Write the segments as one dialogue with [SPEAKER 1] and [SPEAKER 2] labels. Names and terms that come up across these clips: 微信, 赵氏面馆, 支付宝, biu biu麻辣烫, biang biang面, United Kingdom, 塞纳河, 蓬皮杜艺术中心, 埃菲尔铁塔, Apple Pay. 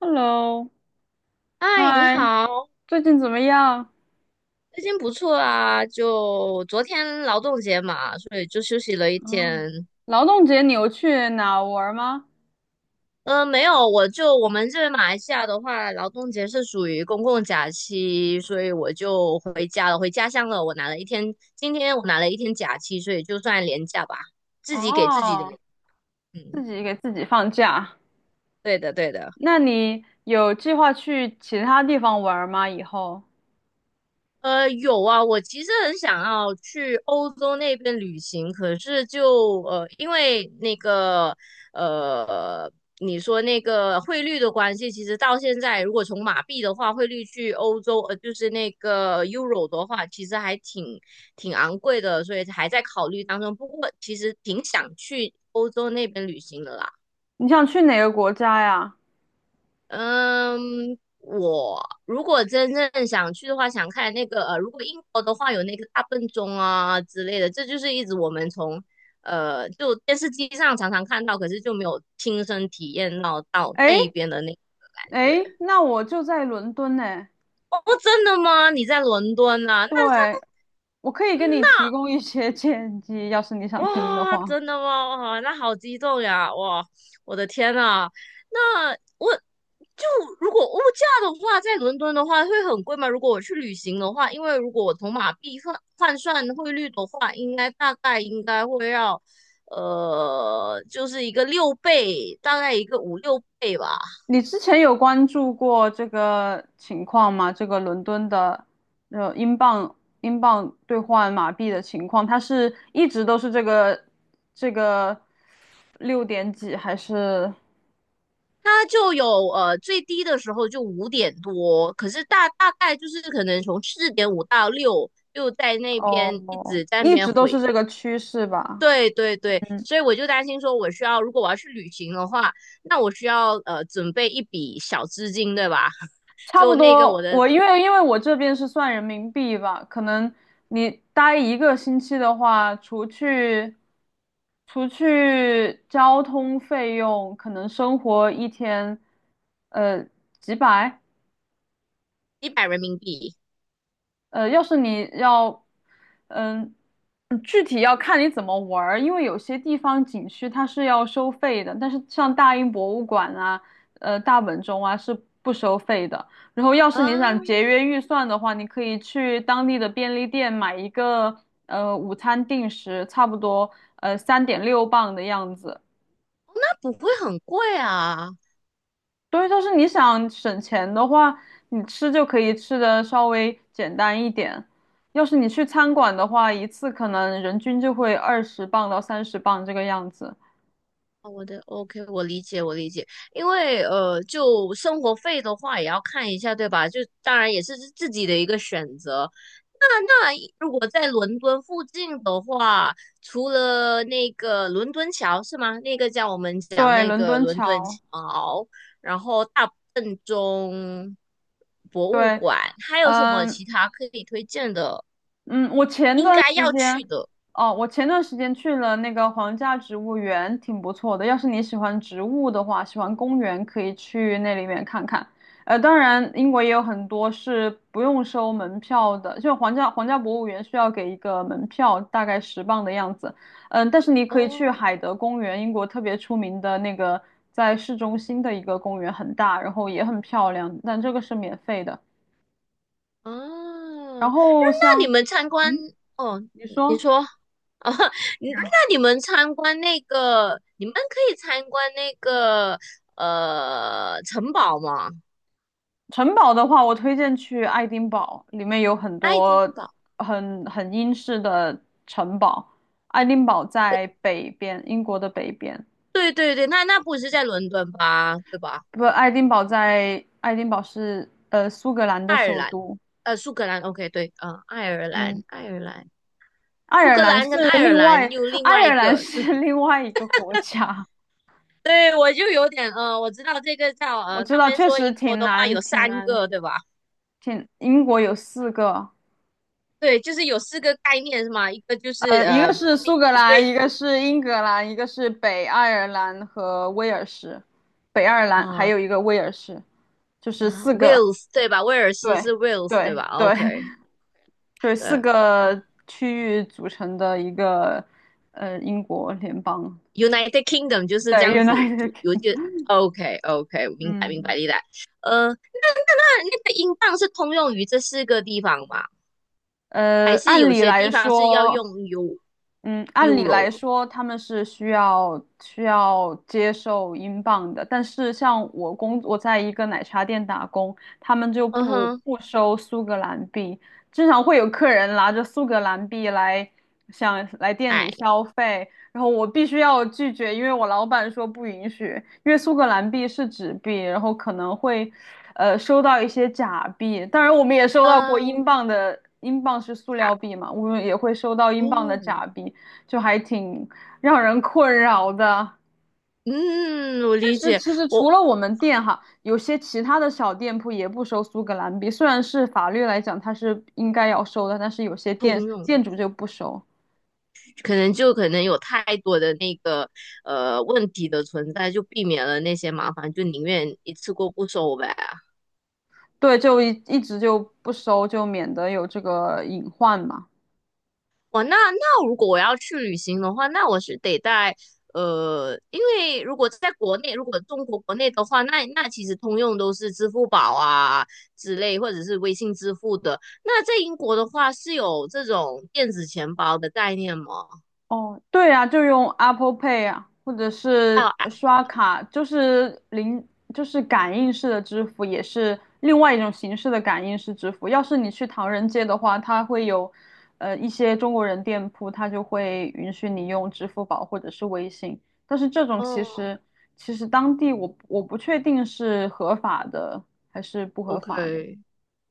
[SPEAKER 1] Hello，
[SPEAKER 2] 嗨，你
[SPEAKER 1] 嗨，
[SPEAKER 2] 好，
[SPEAKER 1] 最近怎么样？
[SPEAKER 2] 最近不错啊。就昨天劳动节嘛，所以就休息了一
[SPEAKER 1] 嗯，
[SPEAKER 2] 天。
[SPEAKER 1] 劳动节你有去哪玩儿吗？
[SPEAKER 2] 没有，我们这边马来西亚的话，劳动节是属于公共假期，所以我就回家了，回家乡了。我拿了一天，今天我拿了一天假期，所以就算年假吧，自己给自己的。
[SPEAKER 1] 哦，
[SPEAKER 2] 嗯，
[SPEAKER 1] 自己给自己放假。
[SPEAKER 2] 对的，对的。
[SPEAKER 1] 那你有计划去其他地方玩儿吗？以后
[SPEAKER 2] 有啊，我其实很想要去欧洲那边旅行，可是就，因为那个呃，你说那个汇率的关系，其实到现在，如果从马币的话，汇率去欧洲，就是那个 Euro 的话，其实还挺昂贵的，所以还在考虑当中。不过其实挺想去欧洲那边旅行的啦。
[SPEAKER 1] 你想去哪个国家呀？
[SPEAKER 2] 嗯，我如果真正想去的话，想看那个如果英国的话，有那个大笨钟啊之类的，这就是一直我们从就电视机上常常看到，可是就没有亲身体验到那
[SPEAKER 1] 诶
[SPEAKER 2] 一边的那个感觉。
[SPEAKER 1] 诶，那我就在伦敦呢。
[SPEAKER 2] 哦，真的吗？你在伦敦啊？
[SPEAKER 1] 对，我可以给你提供一些 建议，要是你想听的
[SPEAKER 2] 哇，
[SPEAKER 1] 话。
[SPEAKER 2] 真的吗？哇，那好激动呀！哇，我的天呐，那我就如果物价的话，在伦敦的话会很贵吗？如果我去旅行的话，因为如果我从马币换算汇率的话，应该大概应该会要，就是一个六倍，大概一个5、6倍吧。
[SPEAKER 1] 你之前有关注过这个情况吗？这个伦敦的呃英镑英镑兑换马币的情况，它是一直都是这个六点几，还是
[SPEAKER 2] 它就有最低的时候就5点多，可是大概就是可能从4.5到6，就在那边一
[SPEAKER 1] 哦，
[SPEAKER 2] 直在那
[SPEAKER 1] 一
[SPEAKER 2] 边
[SPEAKER 1] 直都
[SPEAKER 2] 回
[SPEAKER 1] 是这个趋势吧？
[SPEAKER 2] 对对对，
[SPEAKER 1] 嗯。
[SPEAKER 2] 所以我就担心说，我需要如果我要去旅行的话，那我需要准备一笔小资金，对吧？
[SPEAKER 1] 差不
[SPEAKER 2] 就那个我
[SPEAKER 1] 多，
[SPEAKER 2] 的
[SPEAKER 1] 我因为我这边是算人民币吧，可能你待一个星期的话，除去交通费用，可能生活一天，呃，几百，
[SPEAKER 2] 100人民币
[SPEAKER 1] 要是你要，嗯，具体要看你怎么玩儿，因为有些地方景区它是要收费的，但是像大英博物馆啊，大本钟啊是不收费的。然后，要是
[SPEAKER 2] 啊，
[SPEAKER 1] 你想节约预算的话，你可以去当地的便利店买一个午餐定时，差不多3.6磅的样子，
[SPEAKER 2] 那不会很贵啊。
[SPEAKER 1] 对，就是你想省钱的话，你吃就可以吃的稍微简单一点。要是你去餐馆的话，一次可能人均就会20磅到30磅这个样子。
[SPEAKER 2] 哦我的 OK，我理解，我理解，因为就生活费的话也要看一下，对吧？就当然也是自己的一个选择。那如果在伦敦附近的话，除了那个伦敦桥是吗？那个叫我们讲
[SPEAKER 1] 对，
[SPEAKER 2] 那
[SPEAKER 1] 伦
[SPEAKER 2] 个
[SPEAKER 1] 敦
[SPEAKER 2] 伦敦
[SPEAKER 1] 桥，
[SPEAKER 2] 桥，然后大笨钟博物
[SPEAKER 1] 对，
[SPEAKER 2] 馆，还有什么
[SPEAKER 1] 嗯，
[SPEAKER 2] 其他可以推荐的？
[SPEAKER 1] 嗯，
[SPEAKER 2] 应该要去的
[SPEAKER 1] 我前段时间去了那个皇家植物园，挺不错的。要是你喜欢植物的话，喜欢公园，可以去那里面看看。当然，英国也有很多是不用收门票的，就皇家博物园需要给一个门票，大概十磅的样子。嗯，但是你可以去
[SPEAKER 2] 哦
[SPEAKER 1] 海德公园，英国特别出名的那个，在市中心的一个公园，很大，然后也很漂亮，但这个是免费的。
[SPEAKER 2] 啊，
[SPEAKER 1] 然后
[SPEAKER 2] 你
[SPEAKER 1] 像，
[SPEAKER 2] 们参观
[SPEAKER 1] 嗯，
[SPEAKER 2] 哦，
[SPEAKER 1] 你
[SPEAKER 2] 你
[SPEAKER 1] 说。
[SPEAKER 2] 说哦，你们参观那个，你们可以参观那个城堡吗？
[SPEAKER 1] 城堡的话，我推荐去爱丁堡，里面有很
[SPEAKER 2] 爱丁
[SPEAKER 1] 多
[SPEAKER 2] 堡，
[SPEAKER 1] 很英式的城堡。爱丁堡在北边，英国的北边。
[SPEAKER 2] 对对对，那不是在伦敦吧？对吧？
[SPEAKER 1] 不，爱丁堡是苏格兰的
[SPEAKER 2] 爱尔
[SPEAKER 1] 首
[SPEAKER 2] 兰，
[SPEAKER 1] 都。
[SPEAKER 2] 苏格兰，OK，对，嗯、爱尔兰，
[SPEAKER 1] 嗯，
[SPEAKER 2] 爱尔兰，
[SPEAKER 1] 爱
[SPEAKER 2] 苏
[SPEAKER 1] 尔
[SPEAKER 2] 格
[SPEAKER 1] 兰
[SPEAKER 2] 兰跟
[SPEAKER 1] 是
[SPEAKER 2] 爱尔
[SPEAKER 1] 另外，
[SPEAKER 2] 兰又另
[SPEAKER 1] 爱
[SPEAKER 2] 外一
[SPEAKER 1] 尔兰
[SPEAKER 2] 个，
[SPEAKER 1] 是 另外一个国家。
[SPEAKER 2] 对，我就有点，我知道这个叫，
[SPEAKER 1] 我知
[SPEAKER 2] 他
[SPEAKER 1] 道，
[SPEAKER 2] 们
[SPEAKER 1] 确
[SPEAKER 2] 说
[SPEAKER 1] 实
[SPEAKER 2] 英国
[SPEAKER 1] 挺
[SPEAKER 2] 的话有
[SPEAKER 1] 难，挺
[SPEAKER 2] 三
[SPEAKER 1] 难，
[SPEAKER 2] 个，对吧？
[SPEAKER 1] 英国有四个，
[SPEAKER 2] 对，就是有四个概念是吗？一个就是
[SPEAKER 1] 一个是苏格兰，
[SPEAKER 2] Great
[SPEAKER 1] 一个是英格兰，一个是北爱尔兰和威尔士，北爱尔兰还
[SPEAKER 2] 哦
[SPEAKER 1] 有一个威尔士，就是
[SPEAKER 2] 啊
[SPEAKER 1] 四个，
[SPEAKER 2] ，Wales 对吧？威尔斯
[SPEAKER 1] 对，
[SPEAKER 2] 是 Wales 对吧
[SPEAKER 1] 对，对，
[SPEAKER 2] ？OK，
[SPEAKER 1] 对，四
[SPEAKER 2] 对哦
[SPEAKER 1] 个区域组成的一个英国联邦，
[SPEAKER 2] ，United Kingdom 就是这
[SPEAKER 1] 对
[SPEAKER 2] 样子
[SPEAKER 1] ，United
[SPEAKER 2] 组，
[SPEAKER 1] Kingdom。
[SPEAKER 2] OK OK，明白明
[SPEAKER 1] 嗯，
[SPEAKER 2] 白明白。那那个英镑是通用于这四个地方吗？
[SPEAKER 1] 呃，
[SPEAKER 2] 还是
[SPEAKER 1] 按
[SPEAKER 2] 有
[SPEAKER 1] 理
[SPEAKER 2] 些
[SPEAKER 1] 来
[SPEAKER 2] 地方是要用
[SPEAKER 1] 说，嗯，按理来
[SPEAKER 2] Euro？
[SPEAKER 1] 说他们是需要接受英镑的，但是像我在一个奶茶店打工，他们就
[SPEAKER 2] 嗯
[SPEAKER 1] 不
[SPEAKER 2] 哼，
[SPEAKER 1] 不收苏格兰币，经常会有客人拿着苏格兰币来想来店
[SPEAKER 2] 哎，
[SPEAKER 1] 里消费，然后我必须要拒绝，因为我老板说不允许，因为苏格兰币是纸币，然后可能会收到一些假币，当然我们也收到过英
[SPEAKER 2] 嗯，
[SPEAKER 1] 镑的，英镑是塑
[SPEAKER 2] 呀，
[SPEAKER 1] 料币嘛，我们也会收到英镑的
[SPEAKER 2] 嗯
[SPEAKER 1] 假币。就还挺让人困扰的。
[SPEAKER 2] 嗯，我
[SPEAKER 1] 确
[SPEAKER 2] 理
[SPEAKER 1] 实，
[SPEAKER 2] 解，
[SPEAKER 1] 其实
[SPEAKER 2] 我
[SPEAKER 1] 除了我们店哈，有些其他的小店铺也不收苏格兰币，虽然是法律来讲它是应该要收的，但是有些
[SPEAKER 2] 通
[SPEAKER 1] 店
[SPEAKER 2] 用。
[SPEAKER 1] 店主就不收，
[SPEAKER 2] 可能就可能有太多的那个问题的存在，就避免了那些麻烦，就宁愿一次过不收呗。
[SPEAKER 1] 对，就一直就不收，就免得有这个隐患嘛。
[SPEAKER 2] 哇，那如果我要去旅行的话，那我是得带因为如果在国内，如果中国国内的话，那其实通用都是支付宝啊之类，或者是微信支付的。那在英国的话，是有这种电子钱包的概念吗？
[SPEAKER 1] 哦，对呀，就用 Apple Pay 啊，或者
[SPEAKER 2] 还有，
[SPEAKER 1] 是刷卡，就是零，就是感应式的支付，也是另外一种形式的感应式支付。要是你去唐人街的话，它会有，一些中国人店铺，它就会允许你用支付宝或者是微信。但是这种其
[SPEAKER 2] 嗯
[SPEAKER 1] 实，当地我不确定是合法的还是不合法的，
[SPEAKER 2] ，OK，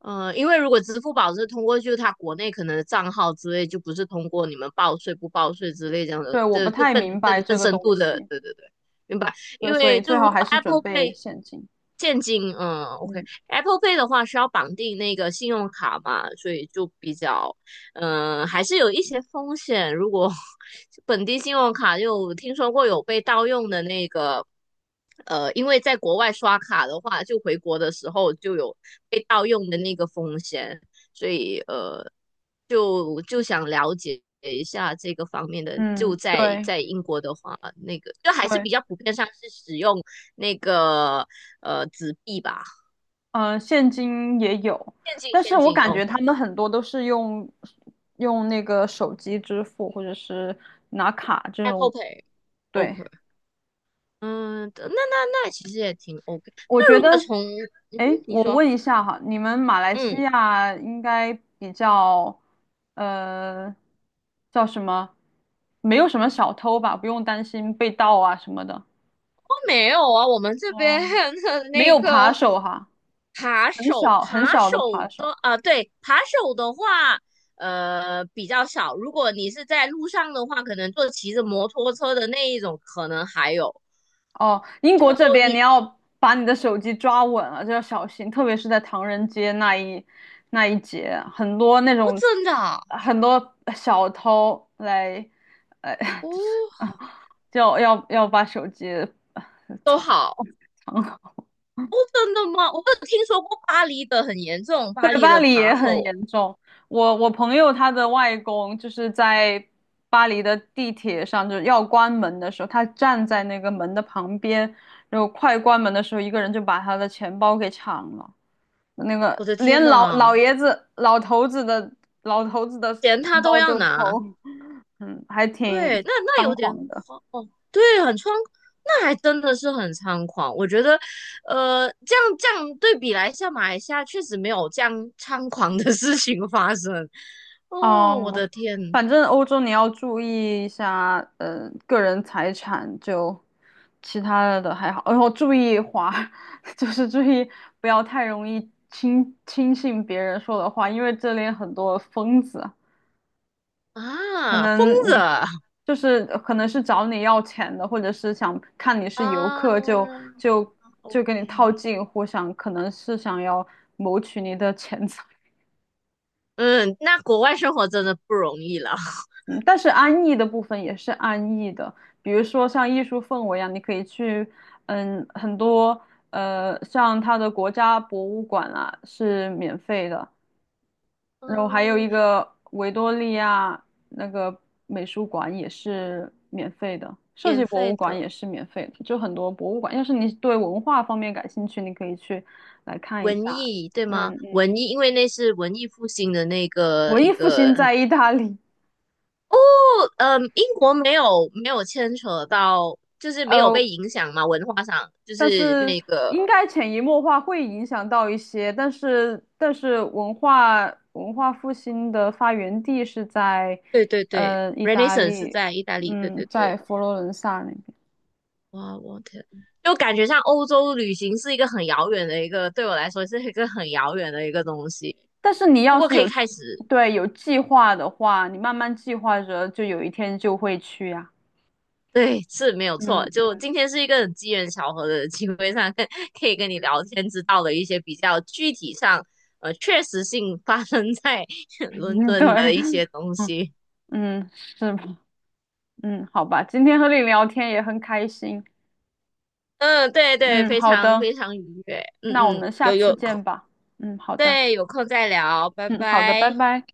[SPEAKER 2] 嗯，因为如果支付宝是通过就是它国内可能的账号之类，就不是通过你们报税不报税之类这样的，
[SPEAKER 1] 对，我不
[SPEAKER 2] 这就
[SPEAKER 1] 太
[SPEAKER 2] 更
[SPEAKER 1] 明白
[SPEAKER 2] 更更
[SPEAKER 1] 这个
[SPEAKER 2] 深
[SPEAKER 1] 东
[SPEAKER 2] 度的，
[SPEAKER 1] 西，
[SPEAKER 2] 对对对，明白。因
[SPEAKER 1] 对，所
[SPEAKER 2] 为
[SPEAKER 1] 以最
[SPEAKER 2] 就如
[SPEAKER 1] 好
[SPEAKER 2] 果
[SPEAKER 1] 还是准
[SPEAKER 2] Apple
[SPEAKER 1] 备
[SPEAKER 2] Pay
[SPEAKER 1] 现金。
[SPEAKER 2] 现金，嗯
[SPEAKER 1] 嗯
[SPEAKER 2] ，OK，Apple Pay 的话是要绑定那个信用卡嘛，所以就比较还是有一些风险。如果 本地信用卡有听说过有被盗用的那个，因为在国外刷卡的话，就回国的时候就有被盗用的那个风险，所以就想了解一下这个方面的。就
[SPEAKER 1] 嗯，
[SPEAKER 2] 在
[SPEAKER 1] 对。
[SPEAKER 2] 在英国的话，那个就还是
[SPEAKER 1] 对，
[SPEAKER 2] 比较普遍上是使用那个纸币吧，
[SPEAKER 1] 现金也有，
[SPEAKER 2] 现金
[SPEAKER 1] 但是
[SPEAKER 2] 现
[SPEAKER 1] 我
[SPEAKER 2] 金
[SPEAKER 1] 感觉他
[SPEAKER 2] ，OK，Apple
[SPEAKER 1] 们很多都是用那个手机支付，或者是拿卡这种。对，
[SPEAKER 2] Pay，OK。嗯，那其实也挺 OK。
[SPEAKER 1] 我
[SPEAKER 2] 那
[SPEAKER 1] 觉
[SPEAKER 2] 如果
[SPEAKER 1] 得，
[SPEAKER 2] 从嗯，
[SPEAKER 1] 哎，
[SPEAKER 2] 你
[SPEAKER 1] 我
[SPEAKER 2] 说
[SPEAKER 1] 问一下哈，你们马来西
[SPEAKER 2] 嗯，
[SPEAKER 1] 亚应该比较，呃，叫什么？没有什么小偷吧，不用担心被盗啊什么的。
[SPEAKER 2] 哦没有啊，我们这边
[SPEAKER 1] 哦，
[SPEAKER 2] 的
[SPEAKER 1] 没
[SPEAKER 2] 那
[SPEAKER 1] 有扒
[SPEAKER 2] 个
[SPEAKER 1] 手哈，
[SPEAKER 2] 扒
[SPEAKER 1] 很
[SPEAKER 2] 手
[SPEAKER 1] 少很
[SPEAKER 2] 扒
[SPEAKER 1] 少的扒
[SPEAKER 2] 手
[SPEAKER 1] 手。
[SPEAKER 2] 的啊，对，扒手的话，比较少。如果你是在路上的话，可能坐骑着摩托车的那一种，可能还有。
[SPEAKER 1] 哦，英国
[SPEAKER 2] 哦，
[SPEAKER 1] 这边你
[SPEAKER 2] 你
[SPEAKER 1] 要把你的手机抓稳了，就要小心，特别是在唐人街那一节，很多那
[SPEAKER 2] 哦，
[SPEAKER 1] 种
[SPEAKER 2] 真的啊
[SPEAKER 1] 很多小偷来，呃，
[SPEAKER 2] 哦，
[SPEAKER 1] 啊就要把手机
[SPEAKER 2] 都
[SPEAKER 1] 藏
[SPEAKER 2] 好
[SPEAKER 1] 藏好。
[SPEAKER 2] 哦，真的吗？我有听说过巴黎的很严重，巴
[SPEAKER 1] 对，
[SPEAKER 2] 黎
[SPEAKER 1] 巴
[SPEAKER 2] 的
[SPEAKER 1] 黎也
[SPEAKER 2] 扒
[SPEAKER 1] 很
[SPEAKER 2] 手，
[SPEAKER 1] 严重。我朋友他的外公就是在巴黎的地铁上，就是要关门的时候，他站在那个门的旁边，然后快关门的时候，一个人就把他的钱包给抢了。那个
[SPEAKER 2] 我的天
[SPEAKER 1] 连老
[SPEAKER 2] 呐，
[SPEAKER 1] 老爷子、老头子的
[SPEAKER 2] 钱他
[SPEAKER 1] 钱
[SPEAKER 2] 都
[SPEAKER 1] 包
[SPEAKER 2] 要
[SPEAKER 1] 都
[SPEAKER 2] 拿。
[SPEAKER 1] 偷，嗯，还挺
[SPEAKER 2] 对，那
[SPEAKER 1] 猖
[SPEAKER 2] 有点
[SPEAKER 1] 狂的。
[SPEAKER 2] 慌哦，对，那还真的是很猖狂。我觉得，这样对比来下，马来西亚确实没有这样猖狂的事情发生。哦，我
[SPEAKER 1] 嗯，
[SPEAKER 2] 的天
[SPEAKER 1] 反正欧洲你要注意一下，个人财产就其他的还好，然后注意花，就是注意不要太容易轻信别人说的话，因为这里很多疯子。可
[SPEAKER 2] 啊，疯
[SPEAKER 1] 能
[SPEAKER 2] 子
[SPEAKER 1] 你
[SPEAKER 2] 啊
[SPEAKER 1] 就是可能是找你要钱的，或者是想看你是游客就
[SPEAKER 2] 啊
[SPEAKER 1] 就跟
[SPEAKER 2] ，OK，
[SPEAKER 1] 你套近乎，想可能是想要谋取你的钱财。
[SPEAKER 2] 嗯，那国外生活真的不容易了。
[SPEAKER 1] 嗯，但是安逸的部分也是安逸的，比如说像艺术氛围啊，你可以去，嗯，很多像它的国家博物馆啊是免费的，然后还有
[SPEAKER 2] 嗯，
[SPEAKER 1] 一个维多利亚那个美术馆也是免费的，设计
[SPEAKER 2] 免
[SPEAKER 1] 博
[SPEAKER 2] 费
[SPEAKER 1] 物馆也
[SPEAKER 2] 的
[SPEAKER 1] 是免费的，就很多博物馆。要是你对文化方面感兴趣，你可以去来看一
[SPEAKER 2] 文
[SPEAKER 1] 下。
[SPEAKER 2] 艺对吗？
[SPEAKER 1] 嗯嗯，
[SPEAKER 2] 文艺，因为那是文艺复兴的那个
[SPEAKER 1] 文
[SPEAKER 2] 一
[SPEAKER 1] 艺复兴
[SPEAKER 2] 个
[SPEAKER 1] 在意大利，
[SPEAKER 2] 嗯，英国没有牵扯到，就是没有被
[SPEAKER 1] 呃，
[SPEAKER 2] 影响嘛，文化上就
[SPEAKER 1] 但
[SPEAKER 2] 是
[SPEAKER 1] 是
[SPEAKER 2] 那个，
[SPEAKER 1] 应该潜移默化会影响到一些，但是文化复兴的发源地是在
[SPEAKER 2] 对对对
[SPEAKER 1] 意大
[SPEAKER 2] ，Renaissance 是
[SPEAKER 1] 利，
[SPEAKER 2] 在意大利，对
[SPEAKER 1] 嗯，
[SPEAKER 2] 对对，
[SPEAKER 1] 在佛罗伦萨那边。
[SPEAKER 2] 哇，我天，就感觉像欧洲旅行是一个很遥远的一个，对我来说是一个很遥远的一个东西，
[SPEAKER 1] 但是你
[SPEAKER 2] 不
[SPEAKER 1] 要
[SPEAKER 2] 过
[SPEAKER 1] 是
[SPEAKER 2] 可以
[SPEAKER 1] 有，
[SPEAKER 2] 开始，
[SPEAKER 1] 对，有计划的话，你慢慢计划着，就有一天就会去呀、
[SPEAKER 2] 对，是没有错，
[SPEAKER 1] 嗯
[SPEAKER 2] 就
[SPEAKER 1] 嗯
[SPEAKER 2] 今天是一个很机缘巧合的机会上，可以跟你聊天，知道了一些比较具体上，确实性发生在 伦
[SPEAKER 1] 嗯，对，
[SPEAKER 2] 敦的一些东
[SPEAKER 1] 嗯
[SPEAKER 2] 西。
[SPEAKER 1] 嗯，是吧？嗯，好吧，今天和你聊天也很开心。
[SPEAKER 2] 嗯，对对，
[SPEAKER 1] 嗯，
[SPEAKER 2] 非
[SPEAKER 1] 好
[SPEAKER 2] 常
[SPEAKER 1] 的，
[SPEAKER 2] 非常愉悦。嗯
[SPEAKER 1] 那我
[SPEAKER 2] 嗯，
[SPEAKER 1] 们下
[SPEAKER 2] 有
[SPEAKER 1] 次
[SPEAKER 2] 有空，
[SPEAKER 1] 见吧。嗯，好的，
[SPEAKER 2] 对，有空再聊，拜
[SPEAKER 1] 嗯，好的，拜
[SPEAKER 2] 拜。
[SPEAKER 1] 拜。